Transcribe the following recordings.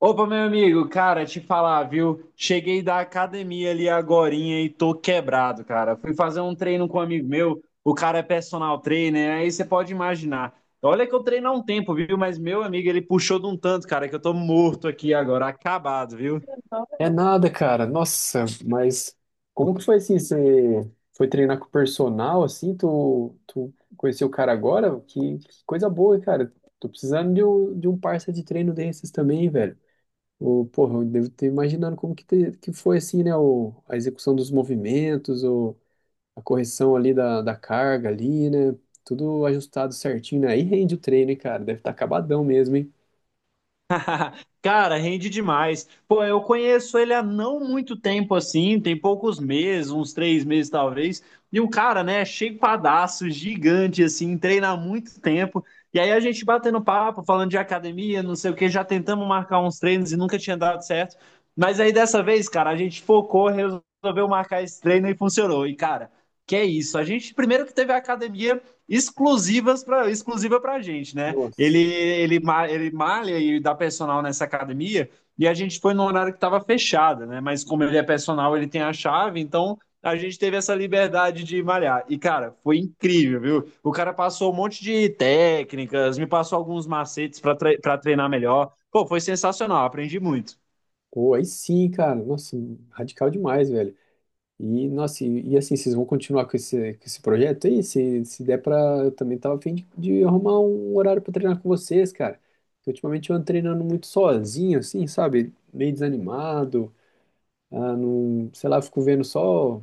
Opa, meu amigo, cara, te falar, viu? Cheguei da academia ali agorinha e tô quebrado, cara. Fui fazer um treino com um amigo meu, o cara é personal trainer, aí você pode imaginar. Olha que eu treino há um tempo, viu? Mas meu amigo, ele puxou de um tanto, cara, que eu tô morto aqui agora, acabado, viu? É nada, cara. Nossa, mas como que foi assim? Você foi treinar com o personal, assim? Tu conheceu o cara agora? Que coisa boa, cara. Tô precisando de um parça de treino desses também, velho. O, porra, eu devo ter imaginando como que foi, assim, né? O, a execução dos movimentos, o, a correção ali da carga ali, né? Tudo ajustado certinho, né? Aí rende o treino, hein, cara. Deve estar acabadão mesmo, hein? Cara, rende demais. Pô, eu conheço ele há não muito tempo assim, tem poucos meses, uns três meses talvez. E o cara, né, shapeadaço, gigante, assim, treina há muito tempo. E aí a gente batendo papo, falando de academia, não sei o que, já tentamos marcar uns treinos e nunca tinha dado certo. Mas aí dessa vez, cara, a gente focou, resolveu marcar esse treino e funcionou. E, cara, que é isso. A gente primeiro que teve a academia exclusiva pra gente, né? Ele, Nossa. ele, ma- ele malha e dá personal nessa academia, e a gente foi no horário que estava fechada, né? Mas como ele é personal, ele tem a chave, então a gente teve essa liberdade de malhar. E, cara, foi incrível, viu? O cara passou um monte de técnicas, me passou alguns macetes para treinar melhor. Pô, foi sensacional, aprendi muito. Pô, aí sim, cara. Nossa, radical demais, velho. E, nossa, e assim, vocês vão continuar com esse projeto aí? Se der pra, eu também tava a fim de arrumar um horário pra treinar com vocês, cara. Porque ultimamente eu ando treinando muito sozinho, assim, sabe? Meio desanimado, ah, não, sei lá, fico vendo só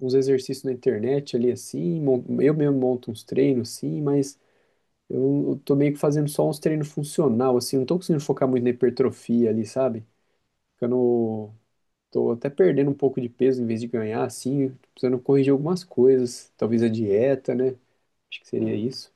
uns exercícios na internet ali, assim, eu mesmo monto uns treinos, assim mas eu tô meio que fazendo só uns treinos funcional, assim, não tô conseguindo focar muito na hipertrofia ali, sabe? Ficando Tô até perdendo um pouco de peso em vez de ganhar, assim, tô precisando corrigir algumas coisas, talvez a dieta, né? Acho que seria isso.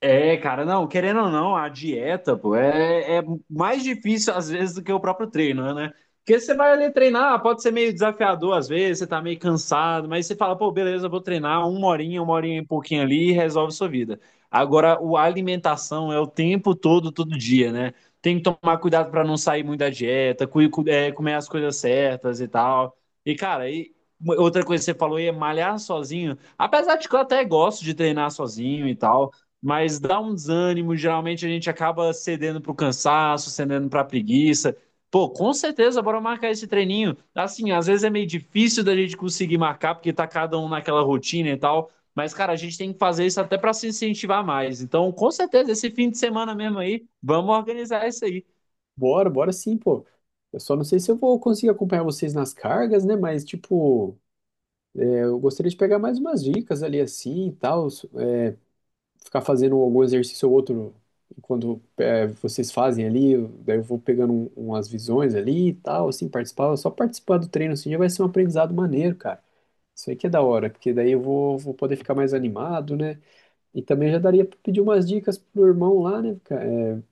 É, cara, não, querendo ou não, a dieta, pô, é mais difícil às vezes do que o próprio treino, né? Porque você vai ali treinar, pode ser meio desafiador às vezes, você tá meio cansado, mas você fala, pô, beleza, vou treinar uma horinha e pouquinho ali e resolve sua vida. Agora, o a alimentação é o tempo todo, todo dia, né? Tem que tomar cuidado para não sair muito da dieta, comer as coisas certas e tal. E, cara, e outra coisa que você falou aí é malhar sozinho. Apesar de que eu até gosto de treinar sozinho e tal, mas dá um desânimo. Geralmente a gente acaba cedendo para o cansaço, cedendo para a preguiça. Pô, com certeza, bora marcar esse treininho. Assim, às vezes é meio difícil da gente conseguir marcar, porque tá cada um naquela rotina e tal. Mas, cara, a gente tem que fazer isso até para se incentivar mais. Então, com certeza, esse fim de semana mesmo aí, vamos organizar isso aí. Bora, bora sim, pô. Eu só não sei se eu vou conseguir acompanhar vocês nas cargas, né? Mas, tipo, é, eu gostaria de pegar mais umas dicas ali assim e tal. É, ficar fazendo algum exercício ou outro enquanto é, vocês fazem ali. Daí eu vou pegando umas visões ali e tal, assim, participar. Só participar do treino assim já vai ser um aprendizado maneiro, cara. Isso aí que é da hora, porque daí eu vou poder ficar mais animado, né? E também já daria para pedir umas dicas pro irmão lá, né, cara? É,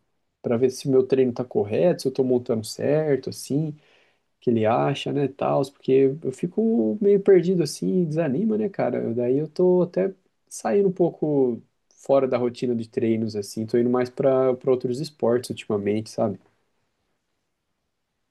para ver se o meu treino tá correto, se eu tô montando certo, assim, o que ele acha, né, tal, porque eu fico meio perdido assim, desanima, né, cara? Daí eu tô até saindo um pouco fora da rotina de treinos assim, tô indo mais para outros esportes ultimamente, sabe?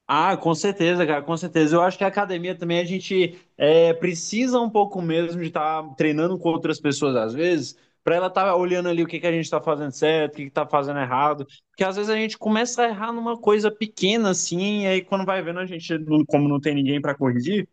Ah, com certeza, cara, com certeza. Eu acho que a academia também a gente precisa um pouco mesmo de estar treinando com outras pessoas às vezes, para ela estar olhando ali o que que a gente está fazendo certo, o que que está fazendo errado, porque às vezes a gente começa a errar numa coisa pequena assim, e aí quando vai vendo a gente, como não tem ninguém para corrigir,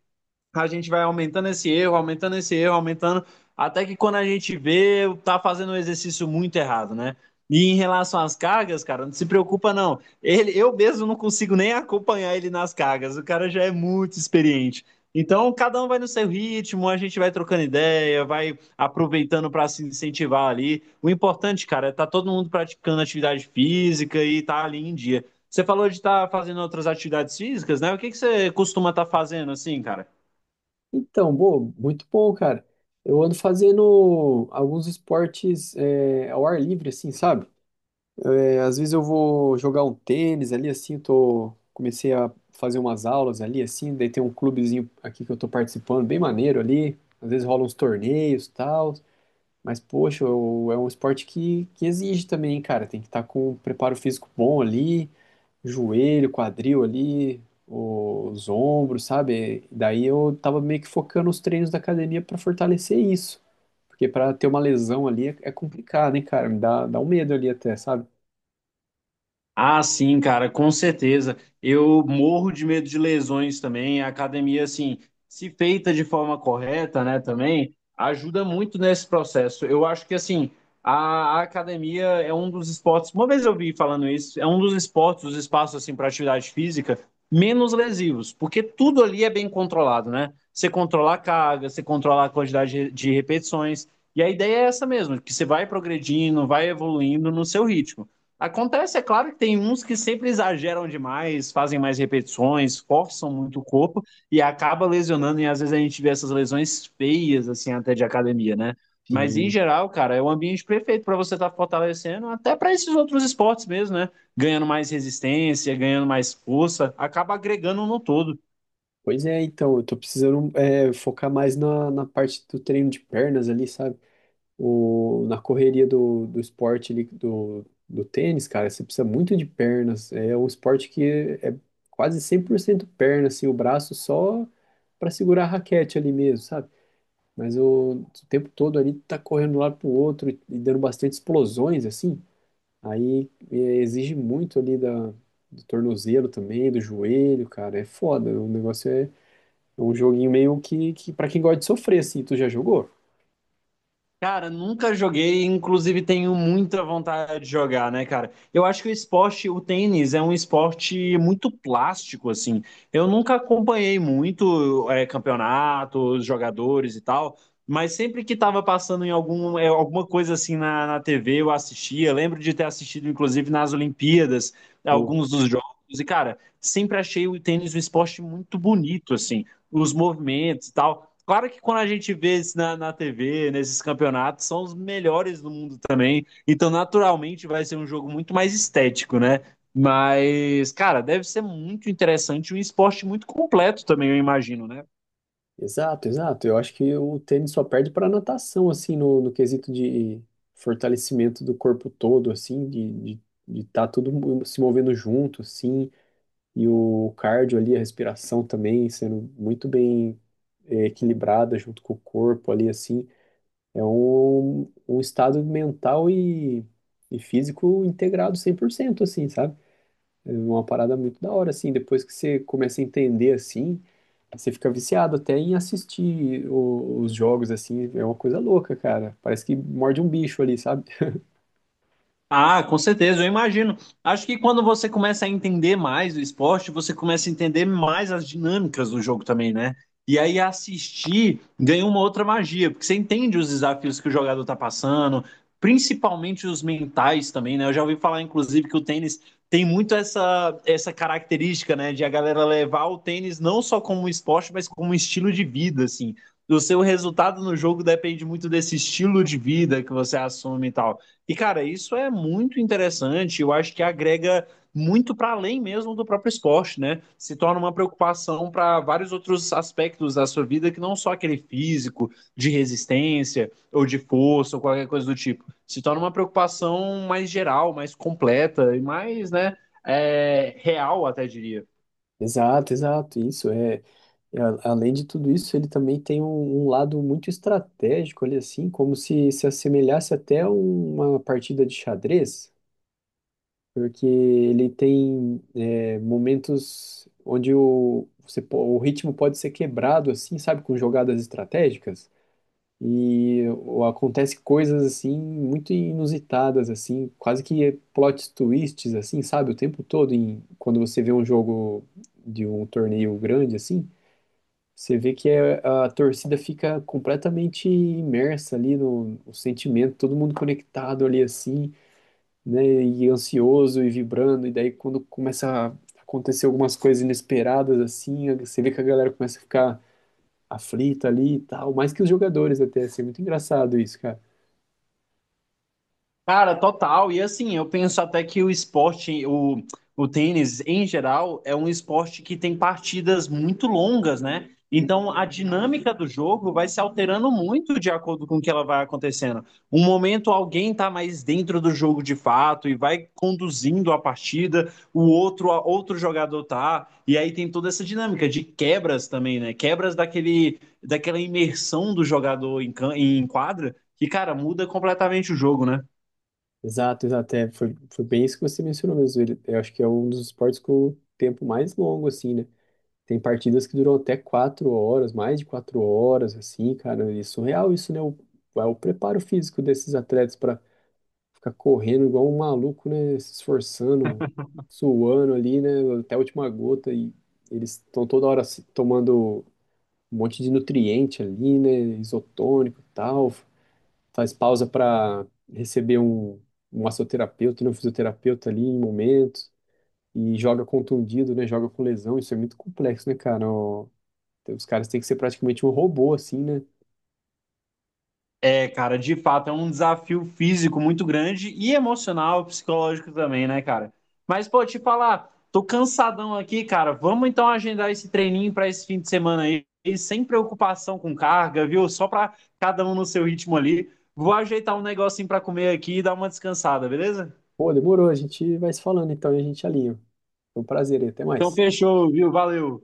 a gente vai aumentando esse erro, aumentando esse erro, aumentando, até que quando a gente vê, tá fazendo um exercício muito errado, né? E em relação às cargas, cara, não se preocupa não. Ele, eu mesmo não consigo nem acompanhar ele nas cargas. O cara já é muito experiente. Então, cada um vai no seu ritmo, a gente vai trocando ideia, vai aproveitando para se incentivar ali. O importante, cara, é tá todo mundo praticando atividade física e tá ali em dia. Você falou de estar fazendo outras atividades físicas, né? O que que você costuma estar fazendo assim, cara? Então, bom, muito bom, cara. Eu ando fazendo alguns esportes é, ao ar livre, assim, sabe? É, às vezes eu vou jogar um tênis ali, assim, eu tô, comecei a fazer umas aulas ali, assim, daí tem um clubezinho aqui que eu tô participando, bem maneiro ali, às vezes rolam uns torneios e tal, mas, poxa, é um esporte que exige também, hein, cara, tem que estar com um preparo físico bom ali, joelho, quadril ali, os ombros, sabe? Daí eu tava meio que focando os treinos da academia pra fortalecer isso, porque pra ter uma lesão ali é complicado, hein, cara, me dá um medo ali até, sabe? Ah, sim, cara, com certeza. Eu morro de medo de lesões também. A academia, assim, se feita de forma correta, né, também, ajuda muito nesse processo. Eu acho que, assim, a academia é um dos esportes. Uma vez eu vi falando isso, é um dos esportes, os espaços, assim, para atividade física menos lesivos, porque tudo ali é bem controlado, né? Você controla a carga, você controla a quantidade de repetições. E a ideia é essa mesmo, que você vai progredindo, vai evoluindo no seu ritmo. Acontece, é claro que tem uns que sempre exageram demais, fazem mais repetições, forçam muito o corpo e acaba lesionando, e às vezes a gente vê essas lesões feias, assim, até de academia, né? Mas em Sim. geral, cara, é o ambiente perfeito para você estar tá fortalecendo, até para esses outros esportes mesmo, né? Ganhando mais resistência, ganhando mais força, acaba agregando no todo. Pois é, então, eu tô precisando é, focar mais na parte do treino de pernas ali, sabe? O, na correria do esporte ali, do tênis, cara, você precisa muito de pernas. É um esporte que é quase 100% perna, assim, o braço só para segurar a raquete ali mesmo, sabe? Mas o tempo todo ali tá correndo de um lado pro outro e dando bastante explosões, assim. Aí é, exige muito ali da, do tornozelo também, do joelho, cara, é foda. O negócio é um joguinho meio que para quem gosta de sofrer, assim, tu já jogou? Cara, nunca joguei, inclusive tenho muita vontade de jogar, né, cara? Eu acho que o esporte, o tênis, é um esporte muito plástico, assim. Eu nunca acompanhei muito campeonatos, jogadores e tal, mas sempre que tava passando em algum, alguma coisa assim na TV, eu assistia. Lembro de ter assistido, inclusive, nas Olimpíadas, Boa. alguns dos jogos. E, cara, sempre achei o tênis um esporte muito bonito, assim. Os movimentos e tal. Claro que quando a gente vê isso na TV, nesses campeonatos, são os melhores do mundo também. Então, naturalmente, vai ser um jogo muito mais estético, né? Mas, cara, deve ser muito interessante, um esporte muito completo também, eu imagino, né? Exato, exato. Eu acho que o tênis só perde para natação, assim, no, no quesito de fortalecimento do corpo todo, assim, de estar de tá tudo se movendo junto, assim, e o cardio ali, a respiração também sendo muito bem eh, equilibrada junto com o corpo ali, assim. É um, um estado mental e físico integrado 100% assim, sabe? É uma parada muito da hora, assim. Depois que você começa a entender, assim, você fica viciado até em assistir os jogos, assim. É uma coisa louca, cara. Parece que morde um bicho ali, sabe? Ah, com certeza, eu imagino. Acho que quando você começa a entender mais o esporte, você começa a entender mais as dinâmicas do jogo também, né? E aí assistir ganha uma outra magia, porque você entende os desafios que o jogador tá passando, principalmente os mentais também, né? Eu já ouvi falar, inclusive, que o tênis tem muito essa característica, né, de a galera levar o tênis não só como um esporte, mas como um estilo de vida, assim. O seu resultado no jogo depende muito desse estilo de vida que você assume e tal. E, cara, isso é muito interessante. Eu acho que agrega muito para além mesmo do próprio esporte, né? Se torna uma preocupação para vários outros aspectos da sua vida que não só aquele físico, de resistência ou de força ou qualquer coisa do tipo. Se torna uma preocupação mais geral, mais completa e mais, né, real, até diria. Exato, exato. Isso é. É, além de tudo isso, ele também tem um, um lado muito estratégico ali, assim, como se assemelhasse até a uma partida de xadrez, porque ele tem é, momentos onde o, você, o ritmo pode ser quebrado, assim, sabe, com jogadas estratégicas. E acontece coisas assim muito inusitadas assim, quase que plot twists assim, sabe, o tempo todo em quando você vê um jogo de um torneio grande assim, você vê que a torcida fica completamente imersa ali no, no sentimento, todo mundo conectado ali assim, né, e ansioso e vibrando, e daí quando começa a acontecer algumas coisas inesperadas assim, você vê que a galera começa a ficar aflita ali e tal, mais que os jogadores até, assim, é muito engraçado isso, cara. Cara, total. E assim, eu penso até que o esporte, o tênis em geral, é um esporte que tem partidas muito longas, né? Então a dinâmica do jogo vai se alterando muito de acordo com o que ela vai acontecendo. Um momento alguém tá mais dentro do jogo de fato e vai conduzindo a partida, o outro, outro jogador tá. E aí tem toda essa dinâmica de quebras também, né? Quebras daquele, daquela imersão do jogador em, em quadra, que, cara, muda completamente o jogo, né? Exato, exato. É, foi bem isso que você mencionou mesmo. Ele, eu acho que é um dos esportes com o tempo mais longo, assim, né? Tem partidas que duram até 4 horas, mais de 4 horas, assim, cara. E é surreal isso, né? O, é o preparo físico desses atletas para ficar correndo igual um maluco, né? Se esforçando, suando ali, né? Até a última gota. E eles estão toda hora tomando um monte de nutriente ali, né? Isotônico e tal faz pausa para receber um, um massoterapeuta, né, um fisioterapeuta ali em momentos, e joga contundido, né, joga com lesão, isso é muito complexo, né, cara? Ó, os caras têm que ser praticamente um robô, assim, né? É, cara, de fato, é um desafio físico muito grande e emocional, psicológico também, né, cara? Mas, pô, te falar, tô cansadão aqui, cara. Vamos então agendar esse treininho pra esse fim de semana aí, e sem preocupação com carga, viu? Só pra cada um no seu ritmo ali. Vou ajeitar um negocinho pra comer aqui e dar uma descansada, beleza? Pô, demorou, a gente vai se falando, então, e a gente alinha. Foi um prazer, e até Então, mais. fechou, viu? Valeu.